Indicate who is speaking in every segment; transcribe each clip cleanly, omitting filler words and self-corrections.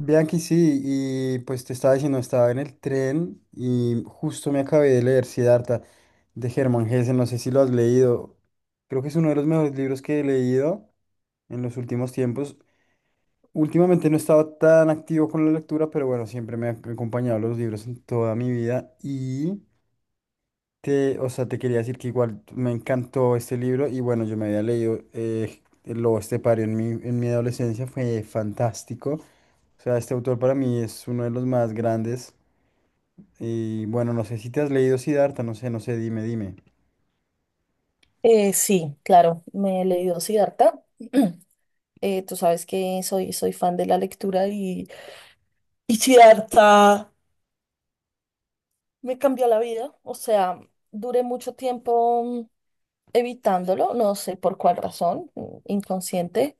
Speaker 1: Bianchi, sí, y pues te estaba diciendo, estaba en el tren y justo me acabé de leer Siddhartha de Hermann Hesse, no sé si lo has leído, creo que es uno de los mejores libros que he leído en los últimos tiempos. Últimamente no he estado tan activo con la lectura, pero bueno, siempre me han acompañado los libros en toda mi vida y o sea, te quería decir que igual me encantó este libro y bueno, yo me había leído El lobo estepario en mi adolescencia, fue fantástico. O sea, este autor para mí es uno de los más grandes. Y bueno, no sé si te has leído Siddhartha, no sé, no sé, dime, dime.
Speaker 2: Sí, claro, me he leído Siddhartha. Tú sabes que soy fan de la lectura y Siddhartha me cambió la vida. O sea, duré mucho tiempo evitándolo, no sé por cuál razón, inconsciente.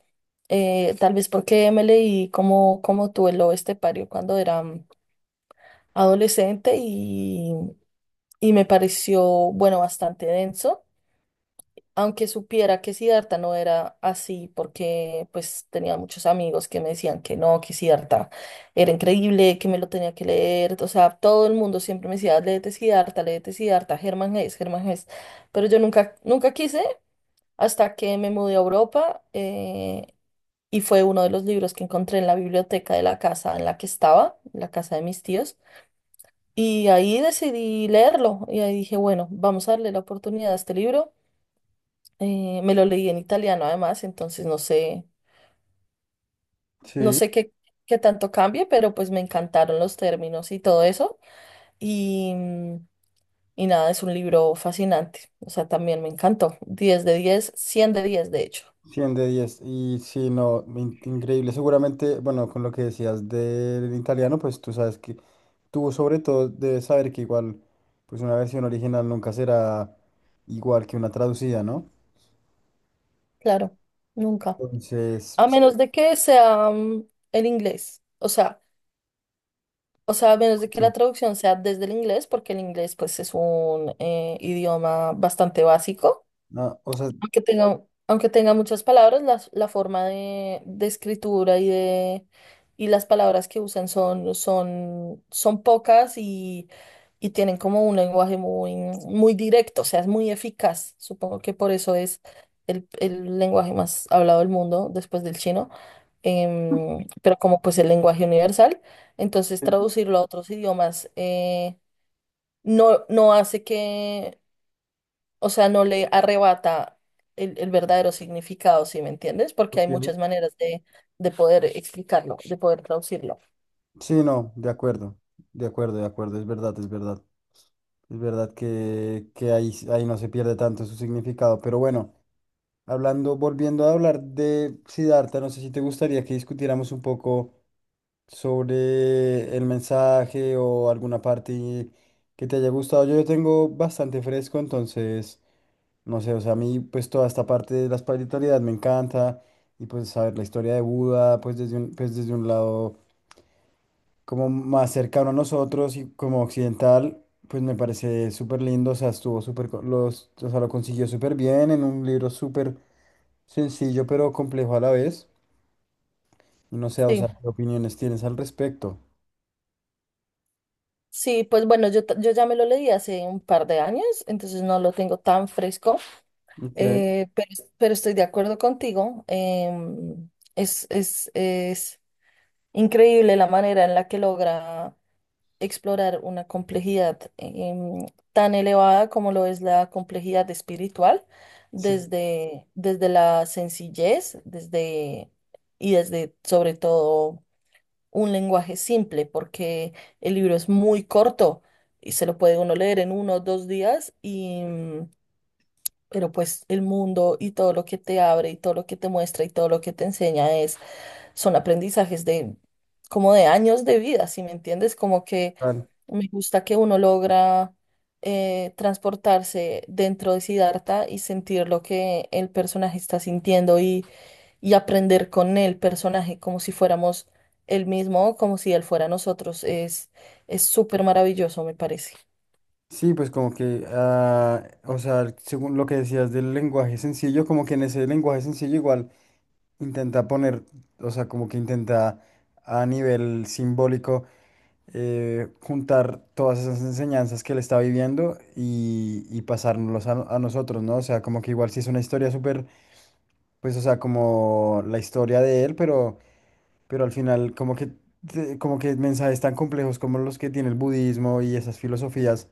Speaker 2: Tal vez porque me leí como tú el Pario cuando era adolescente y me pareció, bueno, bastante denso, aunque supiera que Siddhartha no era así, porque pues tenía muchos amigos que me decían que no, que Siddhartha era increíble, que me lo tenía que leer. O sea, todo el mundo siempre me decía, léete Siddhartha, Germán Hesse, Germán Hesse, pero yo nunca quise hasta que me mudé a Europa. Y fue uno de los libros que encontré en la biblioteca de la casa en la que estaba, la casa de mis tíos, y ahí decidí leerlo y ahí dije, bueno, vamos a darle la oportunidad a este libro. Me lo leí en italiano además, entonces no sé, no
Speaker 1: Sí,
Speaker 2: sé qué tanto cambie, pero pues me encantaron los términos y todo eso. Y, mm, y nada, es un libro fascinante. O sea, también me encantó. 10 de 10, 100 de 10 de hecho.
Speaker 1: 100 de diez. Y sí, no, increíble. Seguramente, bueno, con lo que decías del italiano, pues tú sabes que tú sobre todo debes saber que igual, pues una versión original nunca será igual que una traducida, ¿no?
Speaker 2: Claro, nunca.
Speaker 1: Entonces,
Speaker 2: A
Speaker 1: sí,
Speaker 2: menos de que sea el inglés. O sea, a menos de que la traducción sea desde el inglés, porque el inglés pues es un idioma bastante básico.
Speaker 1: no, o sea,
Speaker 2: Aunque tenga muchas palabras, la forma de escritura y de y las palabras que usan son pocas y tienen como un lenguaje muy, muy directo. O sea, es muy eficaz. Supongo que por eso es el lenguaje más hablado del mundo después del chino, pero como pues el lenguaje universal, entonces traducirlo a otros idiomas no, no hace que, o sea, no le arrebata el verdadero significado, ¿sí me entiendes? Porque hay muchas maneras de poder explicarlo, de poder traducirlo.
Speaker 1: sí, no, de acuerdo, de acuerdo, de acuerdo, es verdad, es verdad. Es verdad que ahí no se pierde tanto su significado. Pero bueno, volviendo a hablar de Siddhartha, no sé si te gustaría que discutiéramos un poco sobre el mensaje o alguna parte que te haya gustado. Yo lo tengo bastante fresco, entonces, no sé, o sea, a mí pues toda esta parte de la espiritualidad me encanta y pues saber la historia de Buda, pues desde un lado como más cercano a nosotros y como occidental, pues me parece súper lindo, o sea, estuvo súper, o sea, lo consiguió súper bien en un libro súper sencillo, pero complejo a la vez. Y no sé, o
Speaker 2: Sí,
Speaker 1: sea, ¿qué opiniones tienes al respecto?
Speaker 2: sí, pues bueno, yo ya me lo leí hace un par de años, entonces no lo tengo tan fresco.
Speaker 1: Ok,
Speaker 2: eh, pero, pero estoy de acuerdo contigo. Es, es increíble la manera en la que logra explorar una complejidad tan elevada como lo es la complejidad espiritual,
Speaker 1: sí,
Speaker 2: desde la sencillez, desde, y desde sobre todo un lenguaje simple, porque el libro es muy corto y se lo puede uno leer en uno o dos días. Pero pues el mundo y todo lo que te abre y todo lo que te muestra y todo lo que te enseña es, son aprendizajes de como de años de vida, ¿si me entiendes? Como que
Speaker 1: claro.
Speaker 2: me gusta que uno logra transportarse dentro de Siddhartha y sentir lo que el personaje está sintiendo y aprender con el personaje como si fuéramos él mismo o como si él fuera nosotros. Es súper maravilloso, me parece.
Speaker 1: Sí, pues como que, ah, o sea, según lo que decías del lenguaje sencillo, como que en ese lenguaje sencillo igual intenta poner, o sea, como que intenta a nivel simbólico juntar todas esas enseñanzas que él está viviendo y pasárnoslas a nosotros, ¿no? O sea, como que igual sí es una historia súper, pues, o sea, como la historia de él, pero al final como que mensajes tan complejos como los que tiene el budismo y esas filosofías,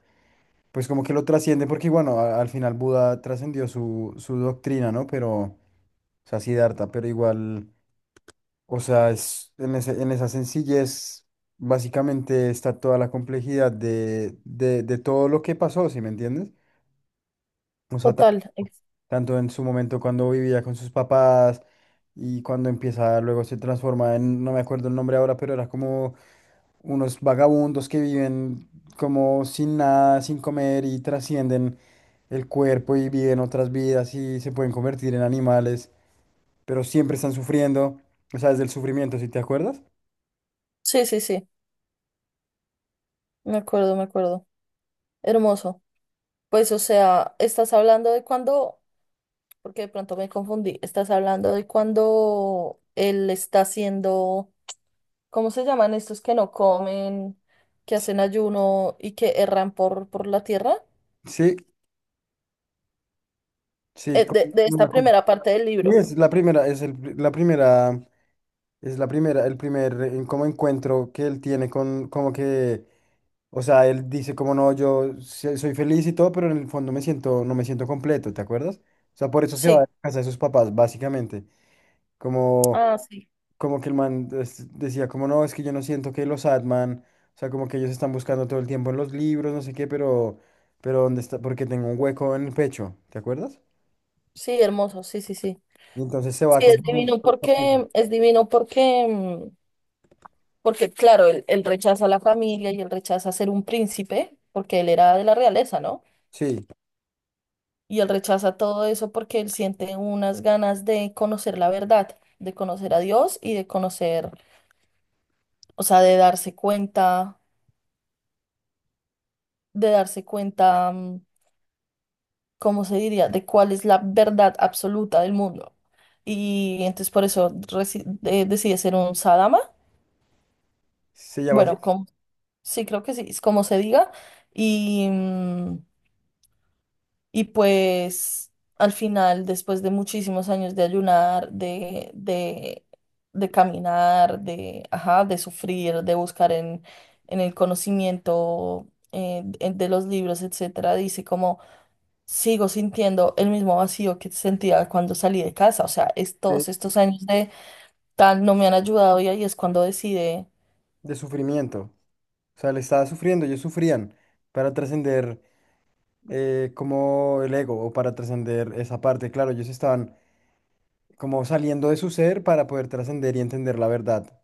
Speaker 1: pues como que lo trasciende, porque bueno, al final Buda trascendió su doctrina, ¿no? Pero, o sea, Siddhartha, pero igual... O sea, en esa sencillez básicamente está toda la complejidad de todo lo que pasó, ¿sí me entiendes? O sea,
Speaker 2: Total.
Speaker 1: tanto en su momento cuando vivía con sus papás y cuando empieza, luego se transforma en, no me acuerdo el nombre ahora, pero era como unos vagabundos que viven como sin nada, sin comer y trascienden el cuerpo y viven otras vidas y se pueden convertir en animales, pero siempre están sufriendo, o sea, desde el sufrimiento, ¿sí te acuerdas?
Speaker 2: Sí, sí, sí. Me acuerdo, me acuerdo. Hermoso. Pues, o sea, estás hablando de cuando, porque de pronto me confundí, estás hablando de cuando él está haciendo ¿cómo se llaman estos que no comen, que hacen ayuno y que erran por la tierra?
Speaker 1: Sí, sí,
Speaker 2: De esta
Speaker 1: una co-
Speaker 2: primera parte del
Speaker 1: y
Speaker 2: libro.
Speaker 1: es la primera, es el, pri- la primera, es la primera, el primer como encuentro que él tiene con, como que, o sea, él dice como no, yo soy feliz y todo, pero en el fondo me siento, no me siento completo, ¿te acuerdas? O sea, por eso se va a
Speaker 2: Sí.
Speaker 1: casa de sus papás, básicamente, como,
Speaker 2: Ah, sí.
Speaker 1: como que el man decía como no, es que yo no siento que los Atman, o sea, como que ellos están buscando todo el tiempo en los libros, no sé qué, pero dónde está, porque tengo un hueco en el pecho, ¿te acuerdas?
Speaker 2: Sí, hermoso. Sí, sí, sí.
Speaker 1: Y entonces se
Speaker 2: Sí,
Speaker 1: va con su...
Speaker 2: es divino porque, porque claro, él rechaza a la familia y él rechaza ser un príncipe, porque él era de la realeza, ¿no?
Speaker 1: Sí,
Speaker 2: Y él rechaza todo eso porque él siente unas ganas de conocer la verdad, de conocer a Dios y de conocer, o sea, de darse cuenta. De darse cuenta, ¿cómo se diría?, de cuál es la verdad absoluta del mundo. Y entonces por eso decide ser un sadama.
Speaker 1: se llama así,
Speaker 2: Bueno, como, sí, creo que sí, es como se diga. Y, mm, y pues al final, después de muchísimos años de ayunar, de caminar, de, ajá, de sufrir, de buscar en el conocimiento de los libros, etcétera, dice como sigo sintiendo el mismo vacío que sentía cuando salí de casa. O sea, es,
Speaker 1: de,
Speaker 2: todos estos años de tal no me han ayudado y ahí es cuando decide.
Speaker 1: de sufrimiento. O sea, le estaba sufriendo, ellos sufrían para trascender como el ego o para trascender esa parte. Claro, ellos estaban como saliendo de su ser para poder trascender y entender la verdad.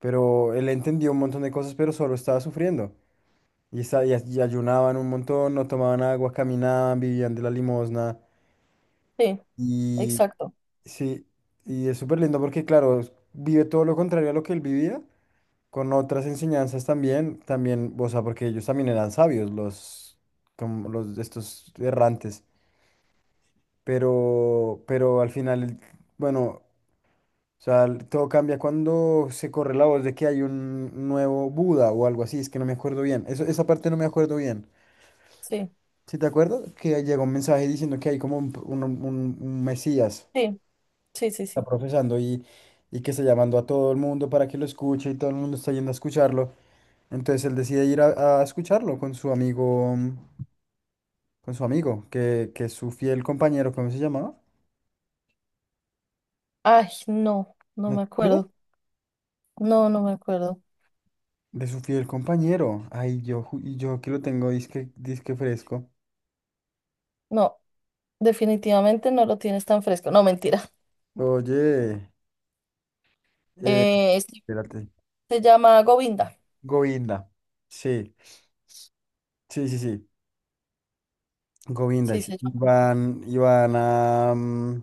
Speaker 1: Pero él entendió un montón de cosas, pero solo estaba sufriendo. Y ayunaban un montón, no tomaban agua, caminaban, vivían de la limosna.
Speaker 2: Sí,
Speaker 1: Y
Speaker 2: exacto.
Speaker 1: sí, y es súper lindo porque, claro, vive todo lo contrario a lo que él vivía con otras enseñanzas también, también, o sea, porque ellos también eran sabios, como los de estos errantes, pero al final, bueno, o sea, todo cambia cuando se corre la voz de que hay un nuevo Buda o algo así, es que no me acuerdo bien, eso, esa parte no me acuerdo bien.
Speaker 2: Sí,
Speaker 1: ¿Sí te acuerdas? Que llegó un mensaje diciendo que hay como un Mesías,
Speaker 2: sí, sí, sí,
Speaker 1: está
Speaker 2: sí.
Speaker 1: profesando y que está llamando a todo el mundo para que lo escuche y todo el mundo está yendo a escucharlo. Entonces él decide ir a escucharlo con su amigo, que es su fiel compañero, ¿cómo se llamaba?
Speaker 2: Ay, no, no
Speaker 1: ¿No
Speaker 2: me
Speaker 1: te acuerdas?
Speaker 2: acuerdo. No, no me acuerdo.
Speaker 1: De su fiel compañero. Ay, yo, ju- y yo que lo tengo disque, disque fresco.
Speaker 2: No, definitivamente no lo tienes tan fresco. No, mentira.
Speaker 1: Oye, eh,
Speaker 2: Este
Speaker 1: espérate.
Speaker 2: se llama Govinda.
Speaker 1: Govinda. Sí, sí, sí, sí. Govinda. Y
Speaker 2: Sí,
Speaker 1: se-
Speaker 2: se llama.
Speaker 1: Iban, iban a, mm,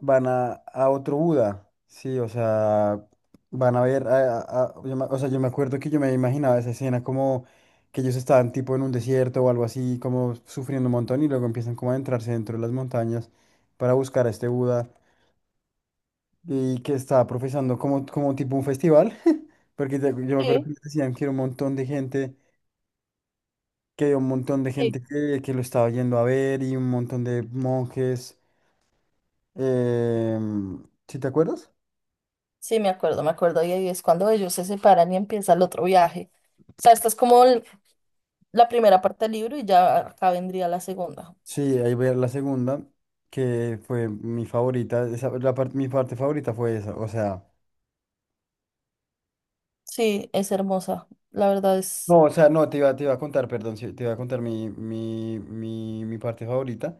Speaker 1: van a, a otro Buda, sí, o sea, van a ver, o sea, yo me acuerdo que yo me imaginaba esa escena como que ellos estaban tipo en un desierto o algo así, como sufriendo un montón y luego empiezan como a adentrarse dentro de las montañas para buscar a este Buda y que estaba profesando como, tipo un festival, porque yo me acuerdo que
Speaker 2: Sí,
Speaker 1: les decían que era un montón de gente, que había un montón de
Speaker 2: sí,
Speaker 1: gente que lo estaba yendo a ver y un montón de monjes, ¿sí te acuerdas?
Speaker 2: sí, me acuerdo, me acuerdo. Y ahí es cuando ellos se separan y empieza el otro viaje. O sea, esta es como la primera parte del libro y ya acá vendría la segunda.
Speaker 1: Sí, ahí ver la segunda, que fue mi favorita. Esa, mi parte favorita fue esa.
Speaker 2: Sí, es hermosa. La verdad es.
Speaker 1: O sea, no, te iba a contar, perdón, sí, te iba a contar mi parte favorita.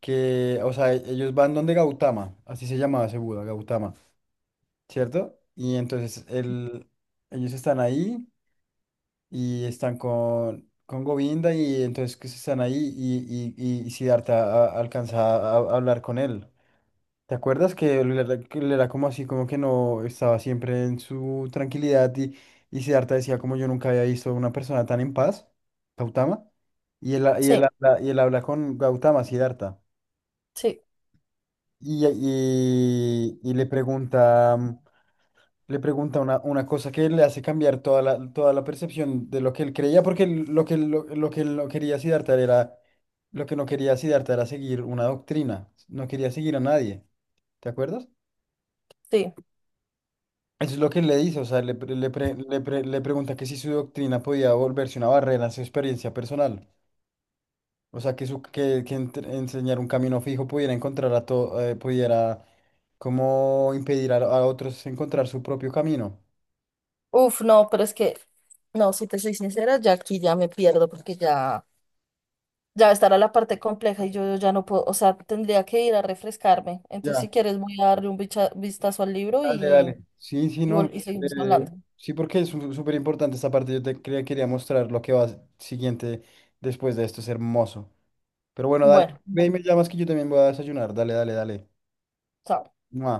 Speaker 1: Que, o sea, ellos van donde Gautama, así se llamaba ese Buda, Gautama, ¿cierto? Y entonces ellos están ahí y están con Govinda y entonces que se están ahí y Siddhartha alcanza a hablar con él. ¿Te acuerdas que él era, como así, como que no estaba siempre en su tranquilidad y Siddhartha decía como yo nunca había visto una persona tan en paz, Gautama? Y él, ha- y él,
Speaker 2: Sí,
Speaker 1: habla, y él habla con Gautama, Siddhartha,
Speaker 2: sí,
Speaker 1: y le pregunta, le pregunta una cosa que le hace cambiar toda la percepción de lo que él creía, porque lo que él no quería Siddhartha era, lo que no quería Siddhartha era seguir una doctrina, no quería seguir a nadie, ¿te acuerdas?
Speaker 2: sí.
Speaker 1: Eso es lo que le dice, o sea, le pregunta que si su doctrina podía volverse una barrera a su experiencia personal, o sea, que, su, que entre- enseñar un camino fijo pudiera encontrar a todo, pudiera como impedir a otros encontrar su propio camino.
Speaker 2: Uf, no, pero es que. No, si te soy sincera, ya aquí ya me pierdo porque ya. Ya estará la parte compleja y yo ya no puedo. O sea, tendría que ir a refrescarme. Entonces, si
Speaker 1: Ya,
Speaker 2: quieres, voy a darle un vistazo al libro
Speaker 1: dale, dale. Sí, sí,
Speaker 2: y,
Speaker 1: no.
Speaker 2: y seguimos
Speaker 1: eh,
Speaker 2: hablando.
Speaker 1: sí, porque es súper importante esta parte, yo quería mostrar lo que va siguiente después de esto, es hermoso. Pero bueno, dale,
Speaker 2: Bueno,
Speaker 1: me,
Speaker 2: bueno,
Speaker 1: me llamas que yo también voy a desayunar, dale, dale, dale.
Speaker 2: chao.
Speaker 1: Mua.